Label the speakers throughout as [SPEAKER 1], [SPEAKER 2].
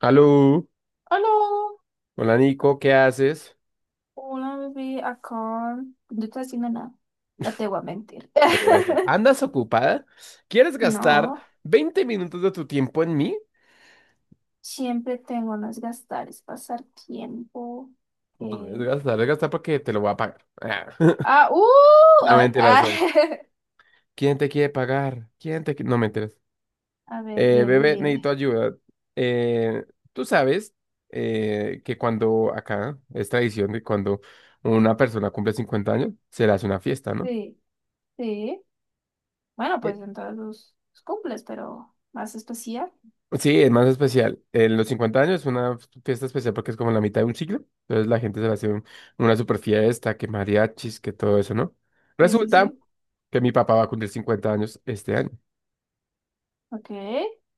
[SPEAKER 1] Aló,
[SPEAKER 2] Aló,
[SPEAKER 1] hola Nico, ¿qué haces?
[SPEAKER 2] hola bebé, acá no estoy haciendo nada, no te voy a mentir.
[SPEAKER 1] Ya te iba a decir, ¿andas ocupada? ¿Quieres gastar
[SPEAKER 2] No,
[SPEAKER 1] 20 minutos de tu tiempo en mí?
[SPEAKER 2] siempre tengo unos gastares, pasar tiempo.
[SPEAKER 1] No es
[SPEAKER 2] eh,
[SPEAKER 1] gastar, es gastar porque te lo voy a pagar. Ah,
[SPEAKER 2] Ah, a
[SPEAKER 1] No
[SPEAKER 2] ver,
[SPEAKER 1] mentiras.
[SPEAKER 2] ah,
[SPEAKER 1] ¿Quién te quiere pagar? ¿Quién te quiere? No mentiras.
[SPEAKER 2] a ver, dime,
[SPEAKER 1] Bebé, necesito
[SPEAKER 2] dime.
[SPEAKER 1] ayuda. Eh, tú sabes que cuando acá es tradición de cuando una persona cumple 50 años, se le hace una fiesta, ¿no?
[SPEAKER 2] Sí, sí. Bueno, pues en todos los cumples, pero más especial.
[SPEAKER 1] Sí, es más especial. En los 50 años es una fiesta especial porque es como la mitad de un siglo. Entonces la gente se le hace una super fiesta, que mariachis, que todo eso, ¿no?
[SPEAKER 2] Sí, sí,
[SPEAKER 1] Resulta
[SPEAKER 2] sí.
[SPEAKER 1] que mi papá va a cumplir 50 años este año.
[SPEAKER 2] Ok,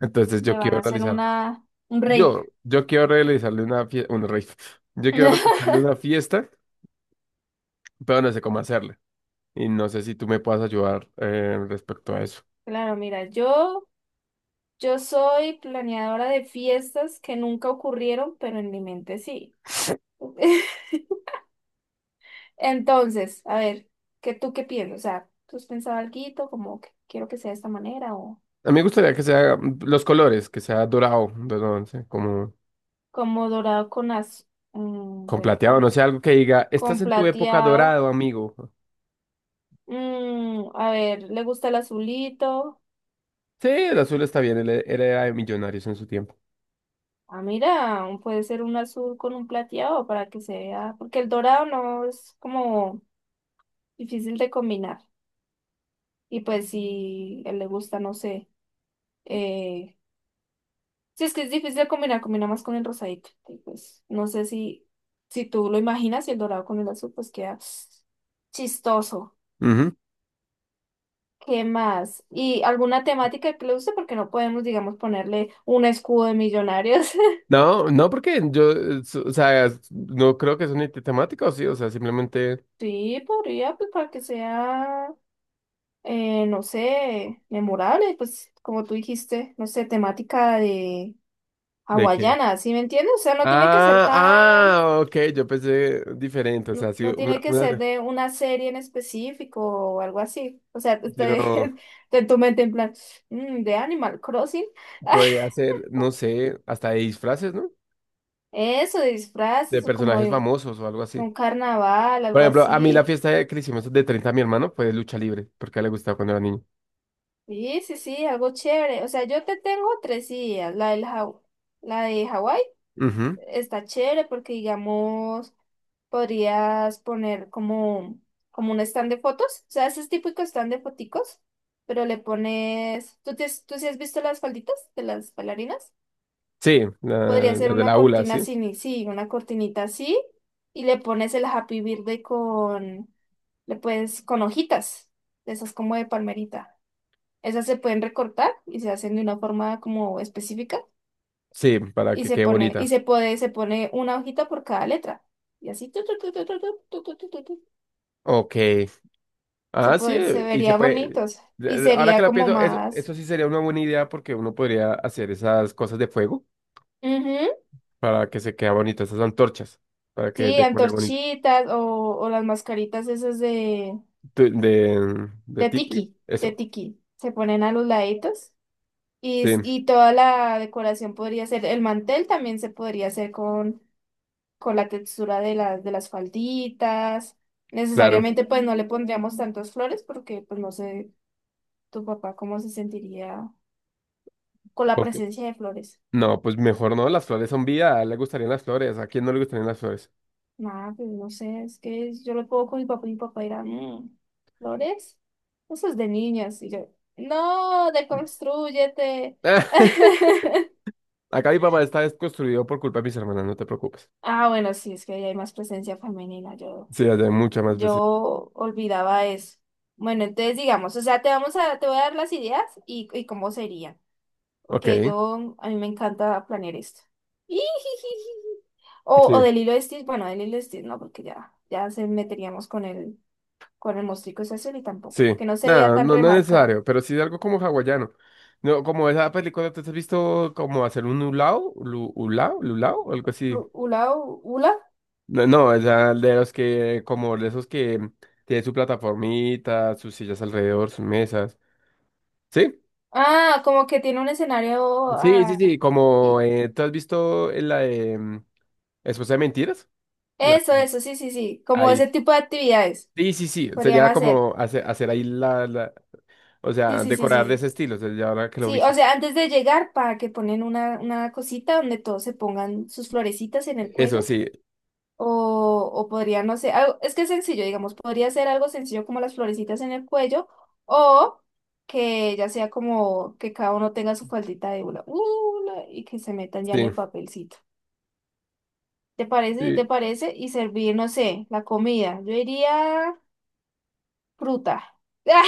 [SPEAKER 1] Entonces yo
[SPEAKER 2] le van a
[SPEAKER 1] quiero
[SPEAKER 2] hacer
[SPEAKER 1] realizar,
[SPEAKER 2] una, un rave.
[SPEAKER 1] yo quiero realizarle una fiesta, un rave. Yo quiero realizarle una fiesta, pero no sé cómo hacerle. Y no sé si tú me puedas ayudar respecto a eso.
[SPEAKER 2] Claro, mira, yo. Yo soy planeadora de fiestas que nunca ocurrieron, pero en mi mente sí. Entonces, a ver, ¿qué tú qué piensas? O sea, ¿tú has pensado algo como que quiero que sea de esta manera o
[SPEAKER 1] A mí me gustaría que sea los colores, que sea dorado, dorado, no sé, como...
[SPEAKER 2] como dorado con azul?
[SPEAKER 1] con plateado, no
[SPEAKER 2] Espérate,
[SPEAKER 1] sé, algo que diga, estás
[SPEAKER 2] con
[SPEAKER 1] en tu época
[SPEAKER 2] plateado.
[SPEAKER 1] dorado, amigo.
[SPEAKER 2] Mm, a ver, ¿le gusta el azulito?
[SPEAKER 1] Sí, el azul está bien, él era de millonarios en su tiempo.
[SPEAKER 2] Ah, mira, un- puede ser un azul con un plateado para que se vea, porque el dorado no es como difícil de combinar. Y pues si a él le gusta, no sé. Eh, sí, es que es difícil de combinar, combina más con el rosadito. Y pues no sé si tú lo imaginas y el dorado con el azul, pues queda chistoso.
[SPEAKER 1] Ujú.
[SPEAKER 2] ¿Qué más? ¿Y alguna temática que le guste? Porque no podemos, digamos, ponerle un escudo de millonarios.
[SPEAKER 1] No, no, porque yo, o sea, no creo que sea un ítem temático, sí, o sea, simplemente
[SPEAKER 2] Sí, podría, pues para que sea, no sé, memorable, pues como tú dijiste, no sé, temática de
[SPEAKER 1] de qué.
[SPEAKER 2] hawaiana, ¿sí me entiendes? O sea, no tiene que ser
[SPEAKER 1] Ah,
[SPEAKER 2] tan.
[SPEAKER 1] ah, ok, yo pensé diferente, o
[SPEAKER 2] No,
[SPEAKER 1] sea, sí,
[SPEAKER 2] no tiene que ser de una serie en específico o algo así. O sea,
[SPEAKER 1] sí,
[SPEAKER 2] estoy,
[SPEAKER 1] no,
[SPEAKER 2] en tu mente en plan, "Mm, de Animal Crossing".
[SPEAKER 1] podría ser, no sé, hasta de disfraces, ¿no?
[SPEAKER 2] Eso, de
[SPEAKER 1] De
[SPEAKER 2] disfraces o como
[SPEAKER 1] personajes
[SPEAKER 2] de
[SPEAKER 1] famosos o algo así.
[SPEAKER 2] un carnaval,
[SPEAKER 1] Por
[SPEAKER 2] algo
[SPEAKER 1] ejemplo, a mí la
[SPEAKER 2] así.
[SPEAKER 1] fiesta de que le hicimos de 30, a mi hermano fue de lucha libre, porque a él le gustaba cuando era niño.
[SPEAKER 2] Sí, sí, sí, algo chévere. O sea, yo te tengo tres ideas. La del Haw- la de Hawái
[SPEAKER 1] Ujú.
[SPEAKER 2] está chévere porque digamos, podrías poner como, como un stand de fotos, o sea, ese es típico stand de foticos, pero le pones, ¿tú, te, has- tú sí has visto las falditas de las bailarinas?
[SPEAKER 1] Sí, la,
[SPEAKER 2] Podría ser
[SPEAKER 1] la de
[SPEAKER 2] una
[SPEAKER 1] la ULA,
[SPEAKER 2] cortina
[SPEAKER 1] sí.
[SPEAKER 2] así, ni- sí, una cortinita así, y le pones el Happy Birthday con, le puedes, con hojitas, de esas como de palmerita. Esas se pueden recortar y se hacen de una forma como específica
[SPEAKER 1] Sí, para
[SPEAKER 2] y
[SPEAKER 1] que
[SPEAKER 2] se
[SPEAKER 1] quede
[SPEAKER 2] pone,
[SPEAKER 1] bonita.
[SPEAKER 2] y se puede, se pone una hojita por cada letra. Y así, tu, tu, tu, tu, tu, tu, tu, tu, tu, tu, tu.
[SPEAKER 1] Ok.
[SPEAKER 2] Se
[SPEAKER 1] Ah, sí,
[SPEAKER 2] puede, se
[SPEAKER 1] y se
[SPEAKER 2] vería
[SPEAKER 1] puede.
[SPEAKER 2] bonitos y
[SPEAKER 1] Ahora que
[SPEAKER 2] sería
[SPEAKER 1] lo
[SPEAKER 2] como
[SPEAKER 1] pienso, eso,
[SPEAKER 2] más,
[SPEAKER 1] eso sí sería una buena idea porque uno podría hacer esas cosas de fuego
[SPEAKER 2] ujú.
[SPEAKER 1] para que se quede bonito, esas antorchas, para que
[SPEAKER 2] Sí,
[SPEAKER 1] decore bonito.
[SPEAKER 2] antorchitas o las mascaritas esas
[SPEAKER 1] De
[SPEAKER 2] de
[SPEAKER 1] tiki,
[SPEAKER 2] tiki, de
[SPEAKER 1] eso.
[SPEAKER 2] tiki. Se ponen a los laditos y,
[SPEAKER 1] Sí,
[SPEAKER 2] s- y toda la decoración podría ser, el mantel también se podría hacer con la textura de las falditas.
[SPEAKER 1] claro.
[SPEAKER 2] Necesariamente pues no le pondríamos tantas flores porque pues no sé tu papá cómo se sentiría con la
[SPEAKER 1] Ok.
[SPEAKER 2] presencia de flores.
[SPEAKER 1] No, pues mejor no, las flores son vida, a él le gustarían las flores, ¿a quién no le gustarían las flores?
[SPEAKER 2] Nada, pues no sé, es que yo lo puedo con mi papá y mi papá dirá, "Mm, ¿flores? Eso es de niñas". Y yo, no, deconstrúyete.
[SPEAKER 1] Acá mi papá está desconstruido por culpa de mis hermanas, no te preocupes.
[SPEAKER 2] Ah, bueno, sí, es que ahí hay más presencia femenina. Yo,
[SPEAKER 1] Sí, allá hay muchas más veces.
[SPEAKER 2] yo olvidaba eso. Bueno, entonces digamos, o sea, te vamos a, te voy a dar las ideas y cómo serían.
[SPEAKER 1] Ok.
[SPEAKER 2] Porque yo, a mí me encanta planear esto. O, o
[SPEAKER 1] Sí.
[SPEAKER 2] del hilo de Stitch, bueno, del hilo de Stitch no, porque ya, ya se meteríamos con él, con el mostrico es azul y tampoco.
[SPEAKER 1] Sí,
[SPEAKER 2] Que no se vea
[SPEAKER 1] nada,
[SPEAKER 2] tan
[SPEAKER 1] no, no es
[SPEAKER 2] remarcado.
[SPEAKER 1] necesario, pero sí de algo como hawaiano. No, como esa película, ¿tú te has visto como hacer un ulao, lulao, o algo así?
[SPEAKER 2] Lu- ¿Ula? U- ¿Ula?
[SPEAKER 1] No, no, esa de los que, como de esos que tiene su plataformita, sus sillas alrededor, sus mesas. ¿Sí?
[SPEAKER 2] Ah, como que tiene un escenario.
[SPEAKER 1] Sí, sí,
[SPEAKER 2] Ah,
[SPEAKER 1] sí, como,
[SPEAKER 2] y
[SPEAKER 1] ¿tú has visto en la de Esposa de Mentiras? La-
[SPEAKER 2] eso, sí, sí, sí. Como ese
[SPEAKER 1] ahí.
[SPEAKER 2] tipo de actividades
[SPEAKER 1] Sí, sí, sí,
[SPEAKER 2] podrían
[SPEAKER 1] sería
[SPEAKER 2] hacer.
[SPEAKER 1] como hacer, hacer ahí o
[SPEAKER 2] Sí,
[SPEAKER 1] sea,
[SPEAKER 2] sí, sí, sí,
[SPEAKER 1] decorar de ese
[SPEAKER 2] sí.
[SPEAKER 1] estilo, o sea, ya ahora que lo
[SPEAKER 2] Sí, o
[SPEAKER 1] hizo.
[SPEAKER 2] sea, antes de llegar, para que ponen una cosita donde todos se pongan sus florecitas en el
[SPEAKER 1] Eso,
[SPEAKER 2] cuello.
[SPEAKER 1] sí,
[SPEAKER 2] O podría, no sé, algo- es que es sencillo, digamos, podría ser algo sencillo como las florecitas en el cuello o que ya sea como que cada uno tenga su faldita de hula, hula, y que se metan ya en el papelcito. ¿Te parece? ¿Sí? ¿Te
[SPEAKER 1] sí.
[SPEAKER 2] parece? Y servir, no sé, la comida. Yo diría fruta. Ah,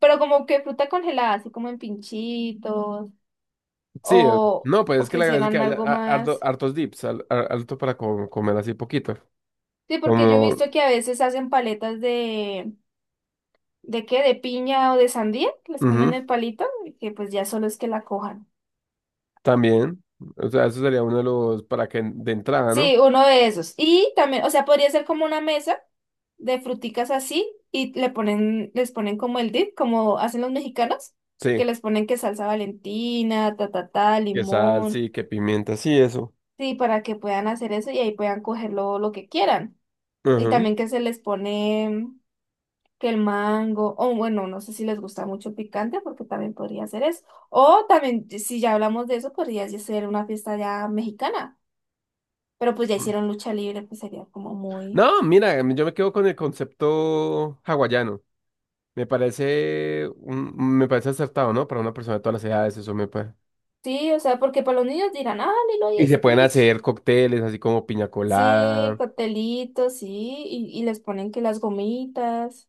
[SPEAKER 2] pero como que fruta congelada, así como en pinchitos
[SPEAKER 1] Sí,
[SPEAKER 2] o,
[SPEAKER 1] no, pues
[SPEAKER 2] o
[SPEAKER 1] es que
[SPEAKER 2] que
[SPEAKER 1] la gracia es que
[SPEAKER 2] hicieran
[SPEAKER 1] haya
[SPEAKER 2] algo más.
[SPEAKER 1] hartos dips, harto para comer así poquito.
[SPEAKER 2] Sí, porque yo he
[SPEAKER 1] Como,
[SPEAKER 2] visto que a veces hacen paletas de. ¿De qué? ¿De piña o de sandía? Que les
[SPEAKER 1] ujú,
[SPEAKER 2] ponen el palito y que pues ya solo es que la cojan.
[SPEAKER 1] también. O sea, eso sería uno de los para que de entrada, ¿no?
[SPEAKER 2] Sí, uno de esos. Y también, o sea, podría ser como una mesa de fruticas así y le ponen, les ponen como el dip, como hacen los mexicanos,
[SPEAKER 1] Sí,
[SPEAKER 2] que les ponen que salsa Valentina, ta ta ta,
[SPEAKER 1] que sal,
[SPEAKER 2] limón.
[SPEAKER 1] sí, que pimienta, sí, eso.
[SPEAKER 2] Sí, para que puedan hacer eso y ahí puedan coger lo que quieran. Y
[SPEAKER 1] Ujú.
[SPEAKER 2] también que se les pone que el mango, o bueno, no sé si les gusta mucho el picante, porque también podría ser eso. O también, si ya hablamos de eso, podría ya ser una fiesta ya mexicana, pero pues ya hicieron lucha libre, pues sería como muy...
[SPEAKER 1] No, mira, yo me quedo con el concepto hawaiano. Me parece me parece acertado, ¿no? Para una persona de todas las edades, eso me parece.
[SPEAKER 2] Sí, o sea, porque para los niños dirán, ah, Lilo
[SPEAKER 1] Y
[SPEAKER 2] y
[SPEAKER 1] se pueden
[SPEAKER 2] Stitch.
[SPEAKER 1] hacer cócteles así como piña
[SPEAKER 2] Sí,
[SPEAKER 1] colada.
[SPEAKER 2] coctelitos, sí, y les ponen que las gomitas.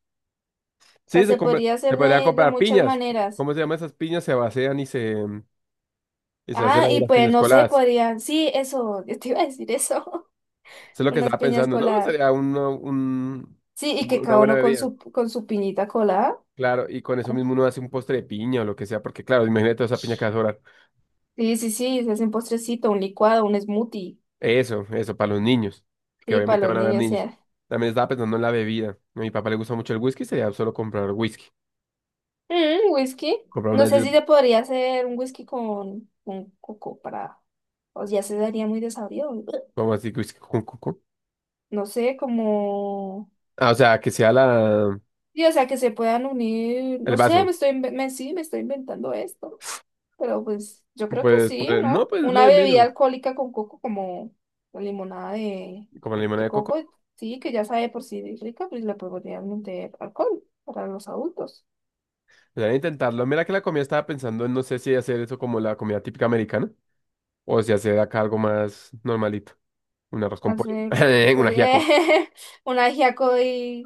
[SPEAKER 2] O sea,
[SPEAKER 1] Sí, se
[SPEAKER 2] se
[SPEAKER 1] compra,
[SPEAKER 2] podría
[SPEAKER 1] se
[SPEAKER 2] hacer
[SPEAKER 1] podría
[SPEAKER 2] de
[SPEAKER 1] comprar
[SPEAKER 2] muchas
[SPEAKER 1] piñas.
[SPEAKER 2] maneras.
[SPEAKER 1] ¿Cómo se llama esas piñas? Se vacían y se hacen
[SPEAKER 2] Ah,
[SPEAKER 1] ahí
[SPEAKER 2] y
[SPEAKER 1] las
[SPEAKER 2] pues
[SPEAKER 1] piñas
[SPEAKER 2] no sé,
[SPEAKER 1] coladas.
[SPEAKER 2] podrían, sí, eso, yo te iba a decir eso,
[SPEAKER 1] Eso es lo que
[SPEAKER 2] unas
[SPEAKER 1] estaba
[SPEAKER 2] piñas
[SPEAKER 1] pensando, ¿no?
[SPEAKER 2] coladas.
[SPEAKER 1] Sería
[SPEAKER 2] Sí, y que
[SPEAKER 1] una
[SPEAKER 2] cada
[SPEAKER 1] buena
[SPEAKER 2] uno
[SPEAKER 1] bebida.
[SPEAKER 2] con su piñita colada.
[SPEAKER 1] Claro, y con eso mismo uno hace un postre de piña o lo que sea, porque claro, imagínate toda esa piña que va a sobrar.
[SPEAKER 2] Sí, sí, sí, se hace un postrecito, un licuado, un smoothie,
[SPEAKER 1] Para los niños, que
[SPEAKER 2] sí, para
[SPEAKER 1] obviamente
[SPEAKER 2] los
[SPEAKER 1] van a haber
[SPEAKER 2] niños, o
[SPEAKER 1] niños.
[SPEAKER 2] sea.
[SPEAKER 1] También estaba pensando en la bebida. A mi papá le gusta mucho el whisky, sería solo comprar whisky.
[SPEAKER 2] Mm, whisky.
[SPEAKER 1] Comprar
[SPEAKER 2] No
[SPEAKER 1] unas
[SPEAKER 2] sé
[SPEAKER 1] 10,
[SPEAKER 2] si se podría hacer un whisky con coco para... O ya se daría muy desabrido.
[SPEAKER 1] como así, whisky. Con coco
[SPEAKER 2] No sé, como...
[SPEAKER 1] Ah, o sea, que sea
[SPEAKER 2] Sí, o sea, que se puedan unir.
[SPEAKER 1] el
[SPEAKER 2] No sé, me
[SPEAKER 1] vaso.
[SPEAKER 2] estoy, inve- me, sí, me estoy inventando esto. Pero pues yo creo que
[SPEAKER 1] Pues,
[SPEAKER 2] sí,
[SPEAKER 1] pues, no,
[SPEAKER 2] ¿no?
[SPEAKER 1] pues lo
[SPEAKER 2] Una
[SPEAKER 1] de
[SPEAKER 2] bebida
[SPEAKER 1] menos.
[SPEAKER 2] alcohólica con coco como limonada
[SPEAKER 1] Como la limonada
[SPEAKER 2] de
[SPEAKER 1] de coco.
[SPEAKER 2] coco, sí, que ya sabe por sí rica, pues le podrían meter alcohol para los adultos.
[SPEAKER 1] Podrían intentarlo. Mira que la comida estaba pensando en no sé si hacer eso como la comida típica americana o si hacer acá algo más normalito. Un arroz con pollo,
[SPEAKER 2] Hacer
[SPEAKER 1] un
[SPEAKER 2] podría-
[SPEAKER 1] ajiaco
[SPEAKER 2] un ajiaco y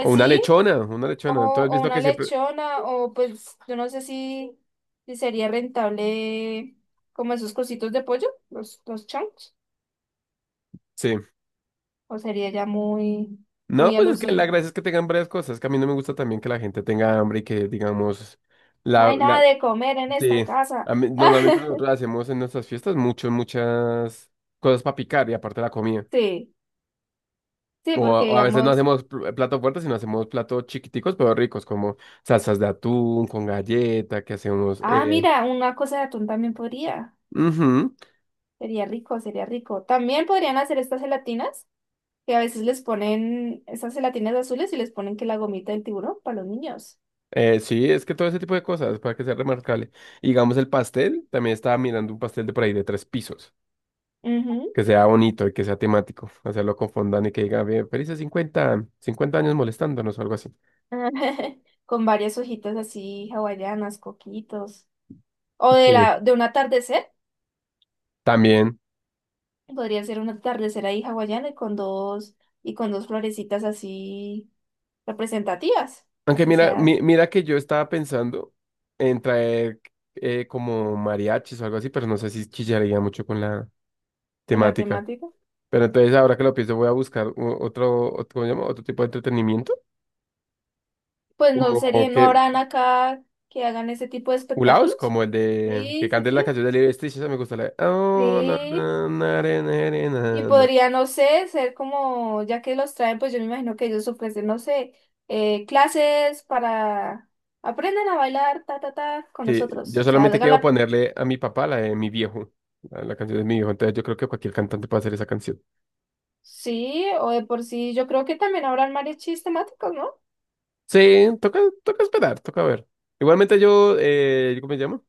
[SPEAKER 1] o una
[SPEAKER 2] sí,
[SPEAKER 1] lechona, una
[SPEAKER 2] o,
[SPEAKER 1] lechona. Tú has
[SPEAKER 2] o
[SPEAKER 1] visto
[SPEAKER 2] una
[SPEAKER 1] que siempre...
[SPEAKER 2] lechona, o pues yo no sé si, si sería rentable como esos cositos de pollo, los chunks,
[SPEAKER 1] Sí.
[SPEAKER 2] o sería ya muy,
[SPEAKER 1] No,
[SPEAKER 2] muy
[SPEAKER 1] pues es que la
[SPEAKER 2] alucin.
[SPEAKER 1] gracia es que tengan varias cosas. Que a mí no me gusta también que la gente tenga hambre y que digamos...
[SPEAKER 2] No
[SPEAKER 1] La,
[SPEAKER 2] hay nada
[SPEAKER 1] la...
[SPEAKER 2] de comer en esta
[SPEAKER 1] Sí.
[SPEAKER 2] casa.
[SPEAKER 1] A mí- normalmente nosotros hacemos en nuestras fiestas muchas, muchas cosas para picar y aparte la comida.
[SPEAKER 2] Sí, sí, porque
[SPEAKER 1] O a veces no
[SPEAKER 2] digamos,
[SPEAKER 1] hacemos plato fuerte, sino hacemos platos chiquiticos pero ricos, como salsas de atún, con galleta, que hacemos...
[SPEAKER 2] ah, mira, una cosa de atún también podría,
[SPEAKER 1] Ujú,
[SPEAKER 2] sería rico, sería rico. También podrían hacer estas gelatinas, que a veces les ponen esas gelatinas azules y les ponen que la gomita del tiburón para los niños.
[SPEAKER 1] sí, es que todo ese tipo de cosas, para que sea remarcable. Y digamos el pastel, también estaba mirando un pastel de por ahí de 3 pisos,
[SPEAKER 2] Ujú.
[SPEAKER 1] que sea bonito y que sea temático, hacerlo con fondant y que diga, "Ve, felices 50, 50 años molestándonos o algo así.
[SPEAKER 2] Con varias hojitas así hawaianas, coquitos. O de la,
[SPEAKER 1] Sí.
[SPEAKER 2] de un atardecer.
[SPEAKER 1] También,
[SPEAKER 2] Podría ser un atardecer ahí hawaiano y con dos florecitas así representativas, para
[SPEAKER 1] aunque
[SPEAKER 2] que
[SPEAKER 1] mira,
[SPEAKER 2] sea
[SPEAKER 1] mira que yo estaba pensando en traer como mariachis o algo así, pero no sé si chillaría mucho con la...
[SPEAKER 2] con la
[SPEAKER 1] temática.
[SPEAKER 2] temática.
[SPEAKER 1] Pero entonces ahora que lo pienso voy a buscar otro, otro, ¿cómo se llama? Otro tipo de entretenimiento.
[SPEAKER 2] Pues no
[SPEAKER 1] Como
[SPEAKER 2] sería,
[SPEAKER 1] que,
[SPEAKER 2] no habrán acá que hagan ese tipo de
[SPEAKER 1] ulaos,
[SPEAKER 2] espectáculos.
[SPEAKER 1] como el de que
[SPEAKER 2] Sí, sí,
[SPEAKER 1] canten la
[SPEAKER 2] sí.
[SPEAKER 1] canción de Lilo y Stitch, esa me gusta la de, "Oh, na,
[SPEAKER 2] Sí.
[SPEAKER 1] na, na, re, na, re,
[SPEAKER 2] Y
[SPEAKER 1] na, na".
[SPEAKER 2] podría, no sé, ser como, ya que los traen, pues yo me imagino que ellos ofrecen, no sé, clases para aprendan a bailar, ta, ta, ta, con
[SPEAKER 1] Sí,
[SPEAKER 2] nosotros.
[SPEAKER 1] yo
[SPEAKER 2] O sea,
[SPEAKER 1] solamente
[SPEAKER 2] hagan
[SPEAKER 1] quiero
[SPEAKER 2] la...
[SPEAKER 1] ponerle a mi papá la de mi viejo, la canción de mi viejo. Entonces yo creo que cualquier cantante puede hacer esa canción.
[SPEAKER 2] Sí, o de por sí, yo creo que también habrán mariachis temáticos, ¿no?
[SPEAKER 1] Sí, toca, toca esperar, toca ver. Igualmente yo, ¿cómo se llama?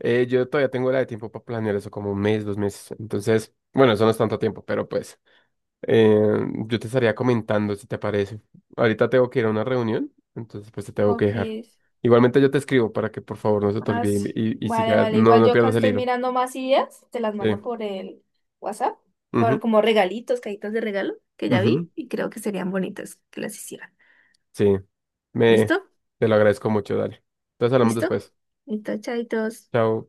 [SPEAKER 1] Yo todavía tengo la de tiempo para planear eso, como un mes, 2 meses. Entonces, bueno, eso no es tanto tiempo, pero pues. Eh, yo te estaría comentando si te parece. Ahorita tengo que ir a una reunión, entonces pues te tengo que
[SPEAKER 2] Ok.
[SPEAKER 1] dejar. Igualmente yo te escribo para que por favor no se te
[SPEAKER 2] Ah,
[SPEAKER 1] olvide
[SPEAKER 2] sí.
[SPEAKER 1] y
[SPEAKER 2] Vale,
[SPEAKER 1] siga,
[SPEAKER 2] vale.
[SPEAKER 1] no,
[SPEAKER 2] Igual
[SPEAKER 1] no
[SPEAKER 2] yo acá
[SPEAKER 1] pierdas el
[SPEAKER 2] estoy
[SPEAKER 1] hilo.
[SPEAKER 2] mirando más ideas, te las
[SPEAKER 1] Sí.
[SPEAKER 2] mando por el WhatsApp, por
[SPEAKER 1] Ujú,
[SPEAKER 2] como regalitos, cajitas de regalo que ya vi
[SPEAKER 1] ujú.
[SPEAKER 2] y creo que serían bonitas que las hicieran.
[SPEAKER 1] Sí. Me,
[SPEAKER 2] ¿Listo?
[SPEAKER 1] te lo agradezco mucho, dale. Entonces hablamos
[SPEAKER 2] ¿Listo?
[SPEAKER 1] después.
[SPEAKER 2] Listo, chaitos.
[SPEAKER 1] Chao.